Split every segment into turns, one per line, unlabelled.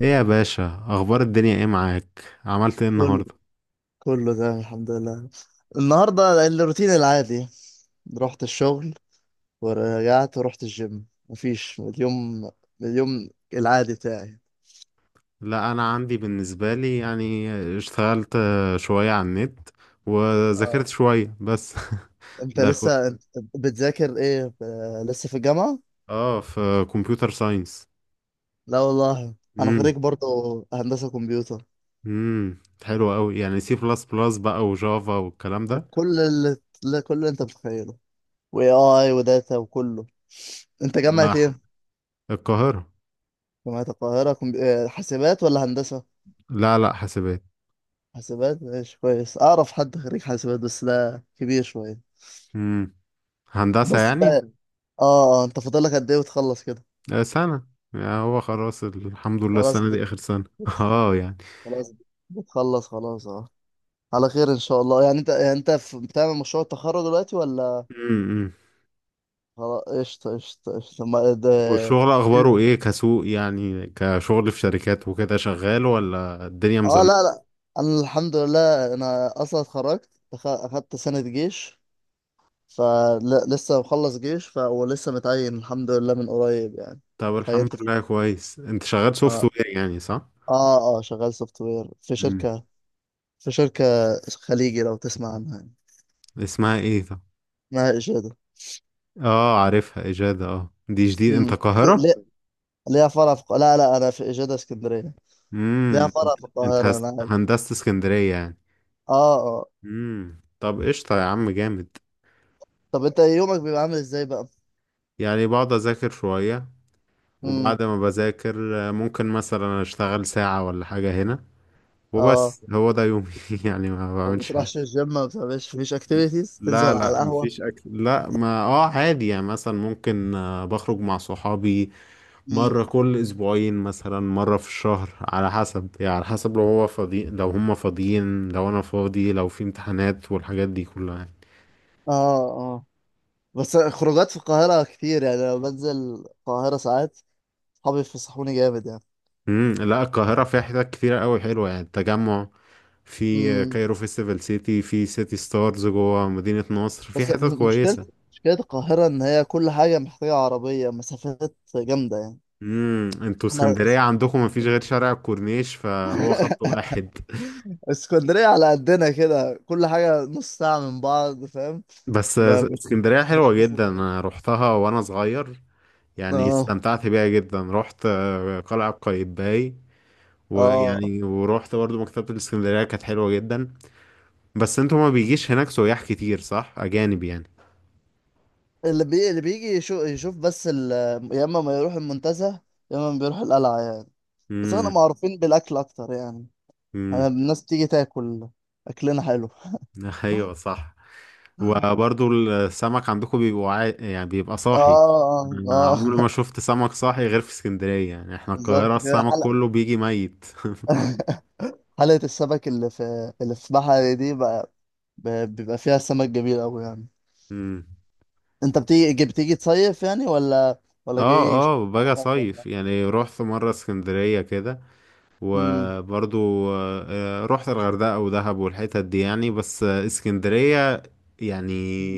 ايه يا باشا، اخبار الدنيا؟ ايه معاك؟ عملت ايه
كل
النهارده؟
كله تمام الحمد لله. النهارده الروتين العادي، رحت الشغل ورجعت ورحت الجيم. مفيش اليوم العادي بتاعي.
لا انا عندي بالنسبه لي اشتغلت شويه على النت وذاكرت
اه،
شويه بس
انت
ده كله.
لسه بتذاكر ايه؟ لسه في الجامعة؟
اه، في كمبيوتر ساينس.
لا والله انا
امم
خريج برضه، هندسة كمبيوتر.
امم حلو قوي، يعني سي بلس بلس بقى وجافا والكلام ده.
كل اللي لا، كل اللي انت متخيله، واي اي وداتا وكله. انت جامعة ايه؟
والقاهره.
جامعة القاهرة. كمبي... آه، حاسبات ولا هندسة؟
لا لا، حاسبات.
حاسبات، ماشي كويس، اعرف حد خريج حاسبات بس لا كبير شويه.
امم هندسه
بس
يعني.
ده اه اه، انت فاضل لك قد ايه وتخلص كده؟
سنه يعني، هو خلاص الحمد لله
خلاص
السنه دي اخر سنه
بت-
اه يعني.
خلاص بتخلص، خلاص اه. على خير ان شاء الله، يعني بتعمل مشروع التخرج دلوقتي ولا؟
امم
خلاص قشطه قشطه قشطه ما... إيه، ده...
والشغل اخباره
إيه؟
ايه؟ كسوق يعني، كشغل في شركات وكده، شغال ولا الدنيا
اه
مزنقه؟
لا لا، انا الحمد لله انا اصلا اتخرجت. اخدت سنه جيش، فلسه مخلص جيش. ولسه متعين الحمد لله من قريب يعني،
طب الحمد
اتعينت.
لله، كويس. انت شغال سوفت وير يعني، صح؟
اه اه، شغال سوفت وير في
امم
شركة خليجي لو تسمع عنها يعني.
اسمها ايه طب؟
اسمها إجادة.
اه، عارفها، اجاده. اه دي جديد؟ انت
امم،
القاهره؟
ليه؟ ليها فرع في لا لا، أنا في إجادة اسكندرية، ليها فرع
انت
في
انت
القاهرة أنا عارف.
هندسه اسكندريه يعني؟
اه اه.
طب قشطه يا عم، جامد.
طب أنت يومك بيبقى عامل إزاي بقى؟
يعني بقعد اذاكر شويه،
امم،
وبعد ما بذاكر ممكن مثلا اشتغل ساعه ولا حاجه هنا،
اه،
وبس هو ده يومي. يعني ما
ما
بعملش حاجه.
بتروحش الجيم؟ ما بتعملش مفيش أكتيفيتيز؟
لا
تنزل على
لا،
القهوة؟
مفيش اكل، لا ما اه عادي يعني، مثلا ممكن بخرج مع صحابي
امم،
مرة كل اسبوعين، مثلا مرة في الشهر على حسب، يعني على حسب لو هو فاضي، لو هم فاضيين، لو انا فاضي، لو في امتحانات والحاجات دي كلها يعني.
اه اه. بس خروجات في القاهرة كتير يعني، لو بنزل القاهرة ساعات صحابي يفسحوني جامد يعني.
لا، القاهرة فيها حتت كتيرة قوي حلوة، يعني التجمع، في
امم،
كايرو فيستيفال سيتي، في سيتي ستارز جوه مدينة نصر، في
بس
حتت
م- مشكلة،
كويسة.
مشكلة القاهرة إن هي كل حاجة محتاجة عربية، مسافات جامدة يعني.
انتوا
احنا
اسكندرية
اس-
عندكم مفيش غير شارع الكورنيش، فهو خط واحد.
اسكندرية على قدنا كده، كل حاجة نص ساعة من بعض، فاهم؟
بس
ب- مش
اسكندرية
مش
حلوة جدا،
مسافات.
أنا روحتها وأنا صغير، يعني
اه
استمتعت بيها جدا. روحت قلعة قايتباي،
اه.
ويعني ورحت برضو مكتبة الاسكندرية، كانت حلوة جدا. بس انتوا ما بيجيش هناك سياح كتير، صح؟ أجانب يعني.
اللي بيجي يشوف، يا اما ما يروح المنتزه، يا اما بيروح القلعة يعني. بس احنا
امم
معروفين بالأكل أكتر يعني. احنا
امم
الناس بتيجي تاكل، أكلنا حلو. اه
أيوة صح. وبرضو السمك عندكم بيبقى يعني بيبقى صاحي.
اه
أنا عمري
آه.
ما شفت سمك صاحي غير في اسكندرية، يعني احنا القاهرة
بالظبط كده.
السمك
حلقة،
كله بيجي ميت.
حلقة السمك اللي في بحري دي بقى، ب- بيبقى فيها سمك جميل أوي يعني.
امم
أنت بتيجي تصيف يعني، ولا ولا
اه
جاي
اه، باجي
شغلك ولا؟
صيف يعني، رحت مرة اسكندرية كده،
امم،
وبرضو رحت الغردقة ودهب والحتت دي يعني، بس اسكندرية يعني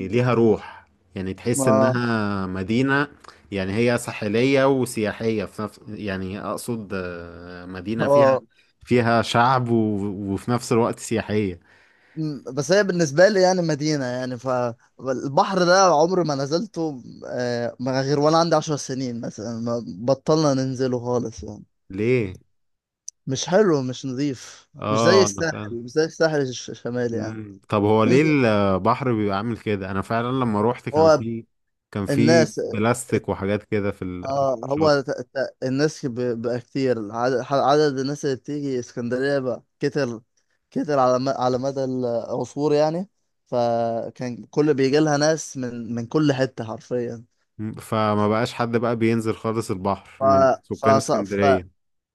ليها روح، يعني تحس
ما
انها مدينة، يعني هي ساحلية وسياحية في نفس، يعني اقصد مدينة فيها
اه.
فيها شعب وفي نفس الوقت سياحية.
مم. بس هي بالنسبة لي يعني مدينة، يعني فالبحر ده عمري ما نزلته ما غير وأنا عندي عشر سنين مثلا، ما بطلنا ننزله خالص يعني.
ليه؟
مش حلو مش نظيف، مش زي
اه انا
الساحل،
فاهم.
مش زي الساحل الشمالي يعني.
مم. طب هو ليه
انزل،
البحر بيبقى عامل كده؟ انا فعلا لما روحت كان
هو
في، كان في
الناس،
بلاستيك وحاجات كده
اه
في
هو
الشاطئ.
الناس بقى كتير، عدد الناس اللي بتيجي اسكندرية بقى كتر، كتر على مدى العصور يعني. فكان كل بيجي لها ناس من كل حتة حرفيا.
مم. فما بقاش حد بقى بينزل خالص
ف
البحر من
ف
سكان
ص- ف
اسكندرية؟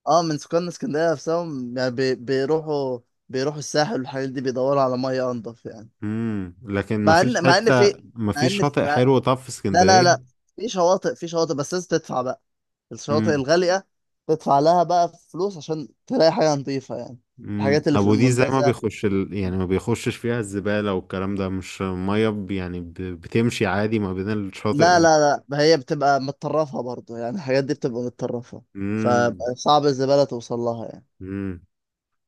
اه، من سكان اسكندرية نفسهم يعني بيروحوا الساحل والحاجات دي، بيدوروا على مية أنضف يعني.
لكن ما
مع
فيش
ان مع ان
حتة،
في
ما
مع ان
فيش شاطئ
مع...
حلو طب في
لا لا لا،
اسكندرية؟
في شواطئ، في شواطئ بس لازم تدفع بقى، الشواطئ
امم
الغالية تدفع لها بقى فلوس عشان تلاقي حاجة نظيفة يعني. الحاجات اللي في
ابو دي زي ما
المنتزه،
بيخش يعني ما بيخشش فيها الزبالة والكلام ده؟ مش مية يعني بتمشي عادي ما بين الشاطئ
لا لا لا ما هي بتبقى متطرفة برضو يعني، الحاجات دي بتبقى متطرفة،
امم
فصعب الزبالة توصل لها يعني.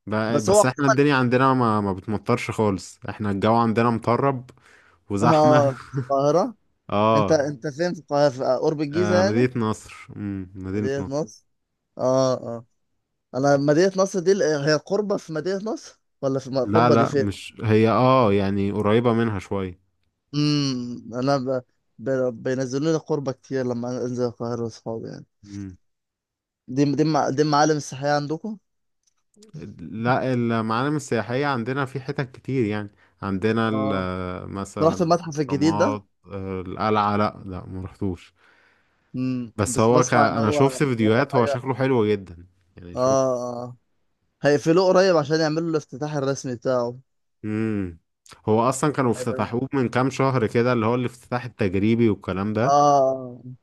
ده
بس هو
بس احنا الدنيا
عموما،
عندنا ما، ما بتمطرش خالص، احنا الجو عندنا مطرب وزحمة.
اه القاهرة. انت
اه.
فين في القاهرة؟ في قرب الجيزة يعني؟
مدينة نصر. مم. مدينة
مدينة
نصر.
نصر. اه اه. انا مدينة نصر دي، هي قربة في مدينة نصر ولا في
لا
القربة دي
لا
فين؟
مش هي، اه يعني قريبة منها شوية.
امم، ب... بينزلوا لي قربة كتير لما انزل القاهرة واصحابي يعني.
مم.
دي معالم السياحية عندكم؟
لا، المعالم السياحية عندنا في حتت كتير يعني، عندنا
اه، أنت
مثلا
رحت المتحف الجديد ده؟
الأهرامات، القلعة. لا لا ما رحتوش،
امم،
بس
بس بسمع ان
انا
هو
شفت
إن هو
فيديوهات، هو
حاجة،
شكله حلو جدا يعني،
اه
شفت.
اه. هيقفلوه قريب عشان يعملوا الافتتاح الرسمي بتاعه.
امم هو اصلا كانوا
هيبقى
افتتحوه من كام شهر كده، اللي هو الافتتاح التجريبي والكلام ده.
اه.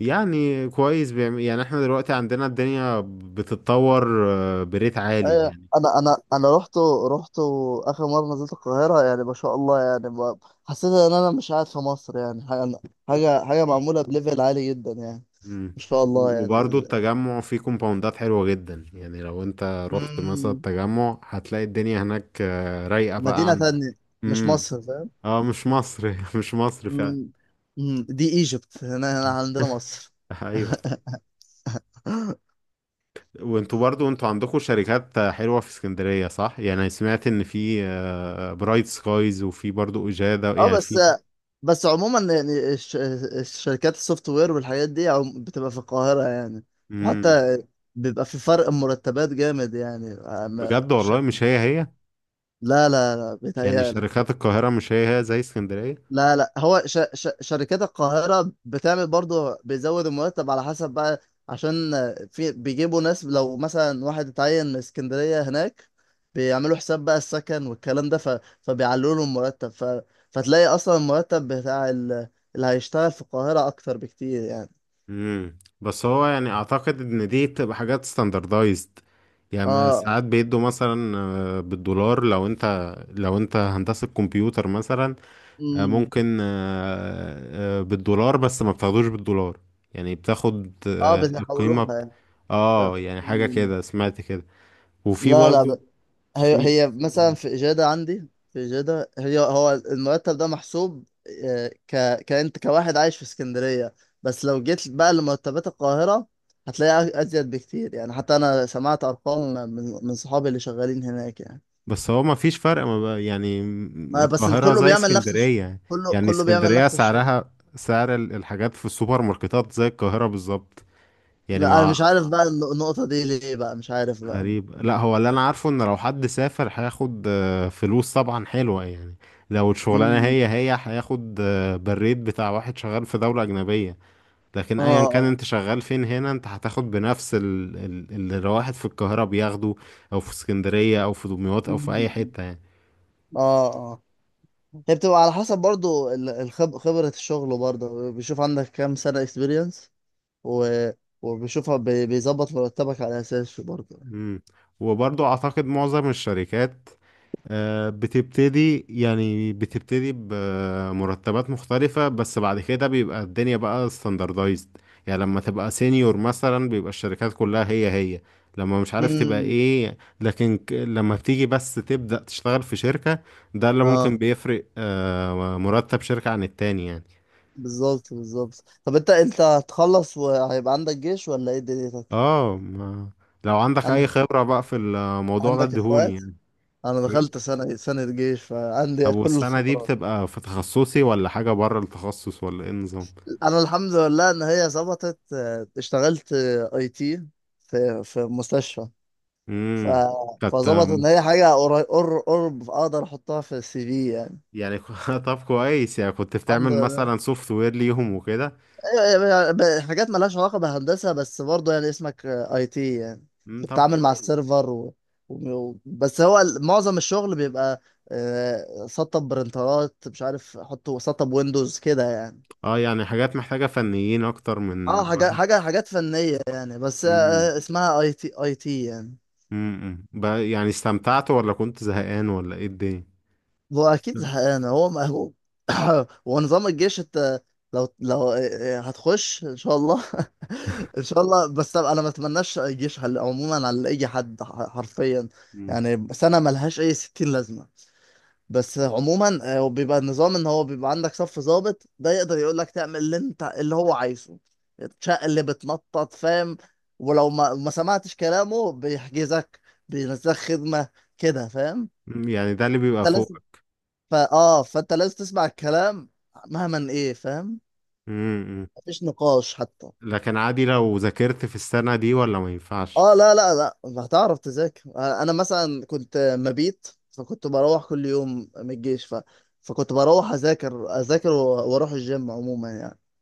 يعني كويس، بيعمل يعني، احنا دلوقتي عندنا الدنيا بتتطور بريت عالي
ايوه،
يعني.
انا رحت اخر مره نزلت القاهره، يعني ما شاء الله يعني، حسيت ان انا مش قاعد في مصر يعني. حاجه معموله بليفل عالي جدا يعني،
امم
ما شاء الله يعني.
وبرضه التجمع فيه كومباوندات حلوة جدا، يعني لو انت رحت مثلا
امم،
التجمع هتلاقي الدنيا هناك رايقة بقى
مدينه
عن.
تانية، مش
امم
مصر، فاهم؟
اه، مش مصر مش مصر فعلا.
مم. مم. دي ايجيبت، هنا هنا عندنا مصر.
ايوه. وانتوا برضو انتوا عندكم شركات حلوة في اسكندرية، صح؟ يعني سمعت ان في برايت سكايز، وفي برضو اجادة
اه،
يعني،
بس
في.
بس عموما يعني، الشركات السوفت وير والحاجات دي بتبقى في القاهرة يعني.
امم
وحتى بيبقى في فرق مرتبات جامد يعني، عن
بجد؟ والله
الشركة.
مش هي هي؟
لا لا لا
يعني
بيتهيألك.
شركات القاهرة مش هي هي زي اسكندرية؟
لا لا، هو شركات القاهرة بتعمل برضو، بيزود المرتب على حسب بقى، عشان في بيجيبوا ناس، لو مثلا واحد اتعين من اسكندرية هناك، بيعملوا حساب بقى السكن والكلام ده، فبيعلوا له المرتب، فتلاقي أصلا المرتب بتاع اللي هيشتغل في القاهرة أكتر بكتير يعني.
بس هو يعني اعتقد ان دي بتبقى حاجات ستاندردايزد، يعني ما
اه
ساعات بيدوا مثلا بالدولار، لو انت هندسة كمبيوتر مثلا،
امم،
ممكن بالدولار، بس ما بتاخدوش بالدولار، يعني بتاخد
اه
القيمة
بيحولوها يعني.
اه يعني حاجة
500 جنيه.
كده، سمعت كده. وفي
لا
برضو،
لا، هي
في.
هي مثلا في إجادة، عندي في إجادة هي هو المرتب ده محسوب كأنت كواحد عايش في اسكندرية. بس لو جيت بقى لمرتبات القاهرة هتلاقيها أزيد بكتير يعني، حتى أنا سمعت أرقام من صحابي اللي شغالين هناك يعني.
بس هو ما فيش فرق ما بقى يعني؟
ما بس
القاهرة زي اسكندرية
كله
يعني؟
كله بيعمل
اسكندرية
نفس الشغل.
سعرها سعر الحاجات في السوبر ماركتات زي القاهرة بالظبط، يعني
لا، أنا
ما.
مش عارف بقى النقطة دي ليه بقى، مش عارف بقى.
غريب. لا هو اللي انا عارفه ان لو حد سافر هياخد فلوس طبعا حلوة يعني، لو الشغلانة
مم.
هي هي هياخد بالريت بتاع واحد شغال في دولة أجنبية، لكن
اه
أيا كان
اه.
أنت شغال فين هنا أنت هتاخد بنفس اللي الواحد في القاهرة بياخده، أو في اسكندرية، أو في دمياط، أو في أي
مم.
حتة يعني.
اه اه. هي بتبقى على حسب برضو خبرة الشغل، برضو بيشوف عندك كام سنة اكسبيرينس، و... وبيشوفها بيظبط مرتبك على اساسه برضو.
مم. وبرضو أعتقد معظم الشركات بتبتدي، بتبتدي بمرتبات مختلفة، بس بعد كده بيبقى الدنيا بقى ستاندردايزد، يعني لما تبقى سينيور مثلا بيبقى الشركات كلها هي هي، لما مش عارف تبقى
امم
ايه، لكن لما بتيجي بس تبدأ تشتغل في شركة، ده اللي
اه.
ممكن بيفرق مرتب شركة عن التاني يعني.
بالظبط بالظبط. طب انت هتخلص وهيبقى عندك جيش ولا ايه دنيتك؟
اه ما، لو عندك اي
عندك
خبرة بقى في الموضوع ده
عندك
ادهوني
اخوات؟
يعني.
انا دخلت
ايه؟
سنة جيش فعندي
طب
كل
والسنة دي
الخبرات.
بتبقى في تخصصي ولا حاجة بره التخصص ولا ايه النظام؟
انا الحمد لله ان هي ظبطت، اشتغلت اي تي في في مستشفى، ف...
امم كانت
فظبط ان هي حاجه قرب اقدر احطها في السي في يعني.
يعني طب كويس، يعني كنت
الحمد
بتعمل
لله.
مثلا سوفت وير ليهم وكده.
أيوة، أيوة، أيوة، يعني حاجات مالهاش علاقه بهندسه بس برضه يعني اسمك اي تي يعني.
طب
بتتعامل مع
كويس.
السيرفر بس هو معظم الشغل بيبقى سطب برنترات، مش عارف احطه سطب ويندوز كده يعني.
اه يعني حاجات محتاجة فنيين اكتر من
اه، حاجات
واحد.
حاجات فنيه يعني، بس
امم
اسمها اي تي، اي تي يعني.
يعني استمتعت ولا كنت زهقان ولا ايه الدنيا؟
هو اكيد زهقان، هو مهووب. ونظام الجيش، انت لو هتخش ان شاء الله. ان شاء الله، بس انا ما اتمناش الجيش عموما على اي حد، حرفيا
امم
يعني، سنه ملهاش اي 60 لازمه. بس عموما بيبقى النظام ان هو بيبقى عندك صف ضابط، ده يقدر يقول لك تعمل اللي هو عايزه، تشق اللي بتنطط، فاهم؟ ولو ما سمعتش كلامه بيحجزك، بينزلك خدمه كده، فاهم؟
يعني ده اللي بيبقى فوق.
فانت لازم تسمع الكلام، مهما ايه، فاهم؟
امم
مفيش نقاش حتى.
لكن عادي لو ذاكرت في السنة دي ولا ما ينفعش؟
اه لا لا لا، هتعرف تذاكر. انا مثلا كنت مبيت، فكنت بروح كل يوم من الجيش، فكنت بروح واروح الجيم عموما يعني.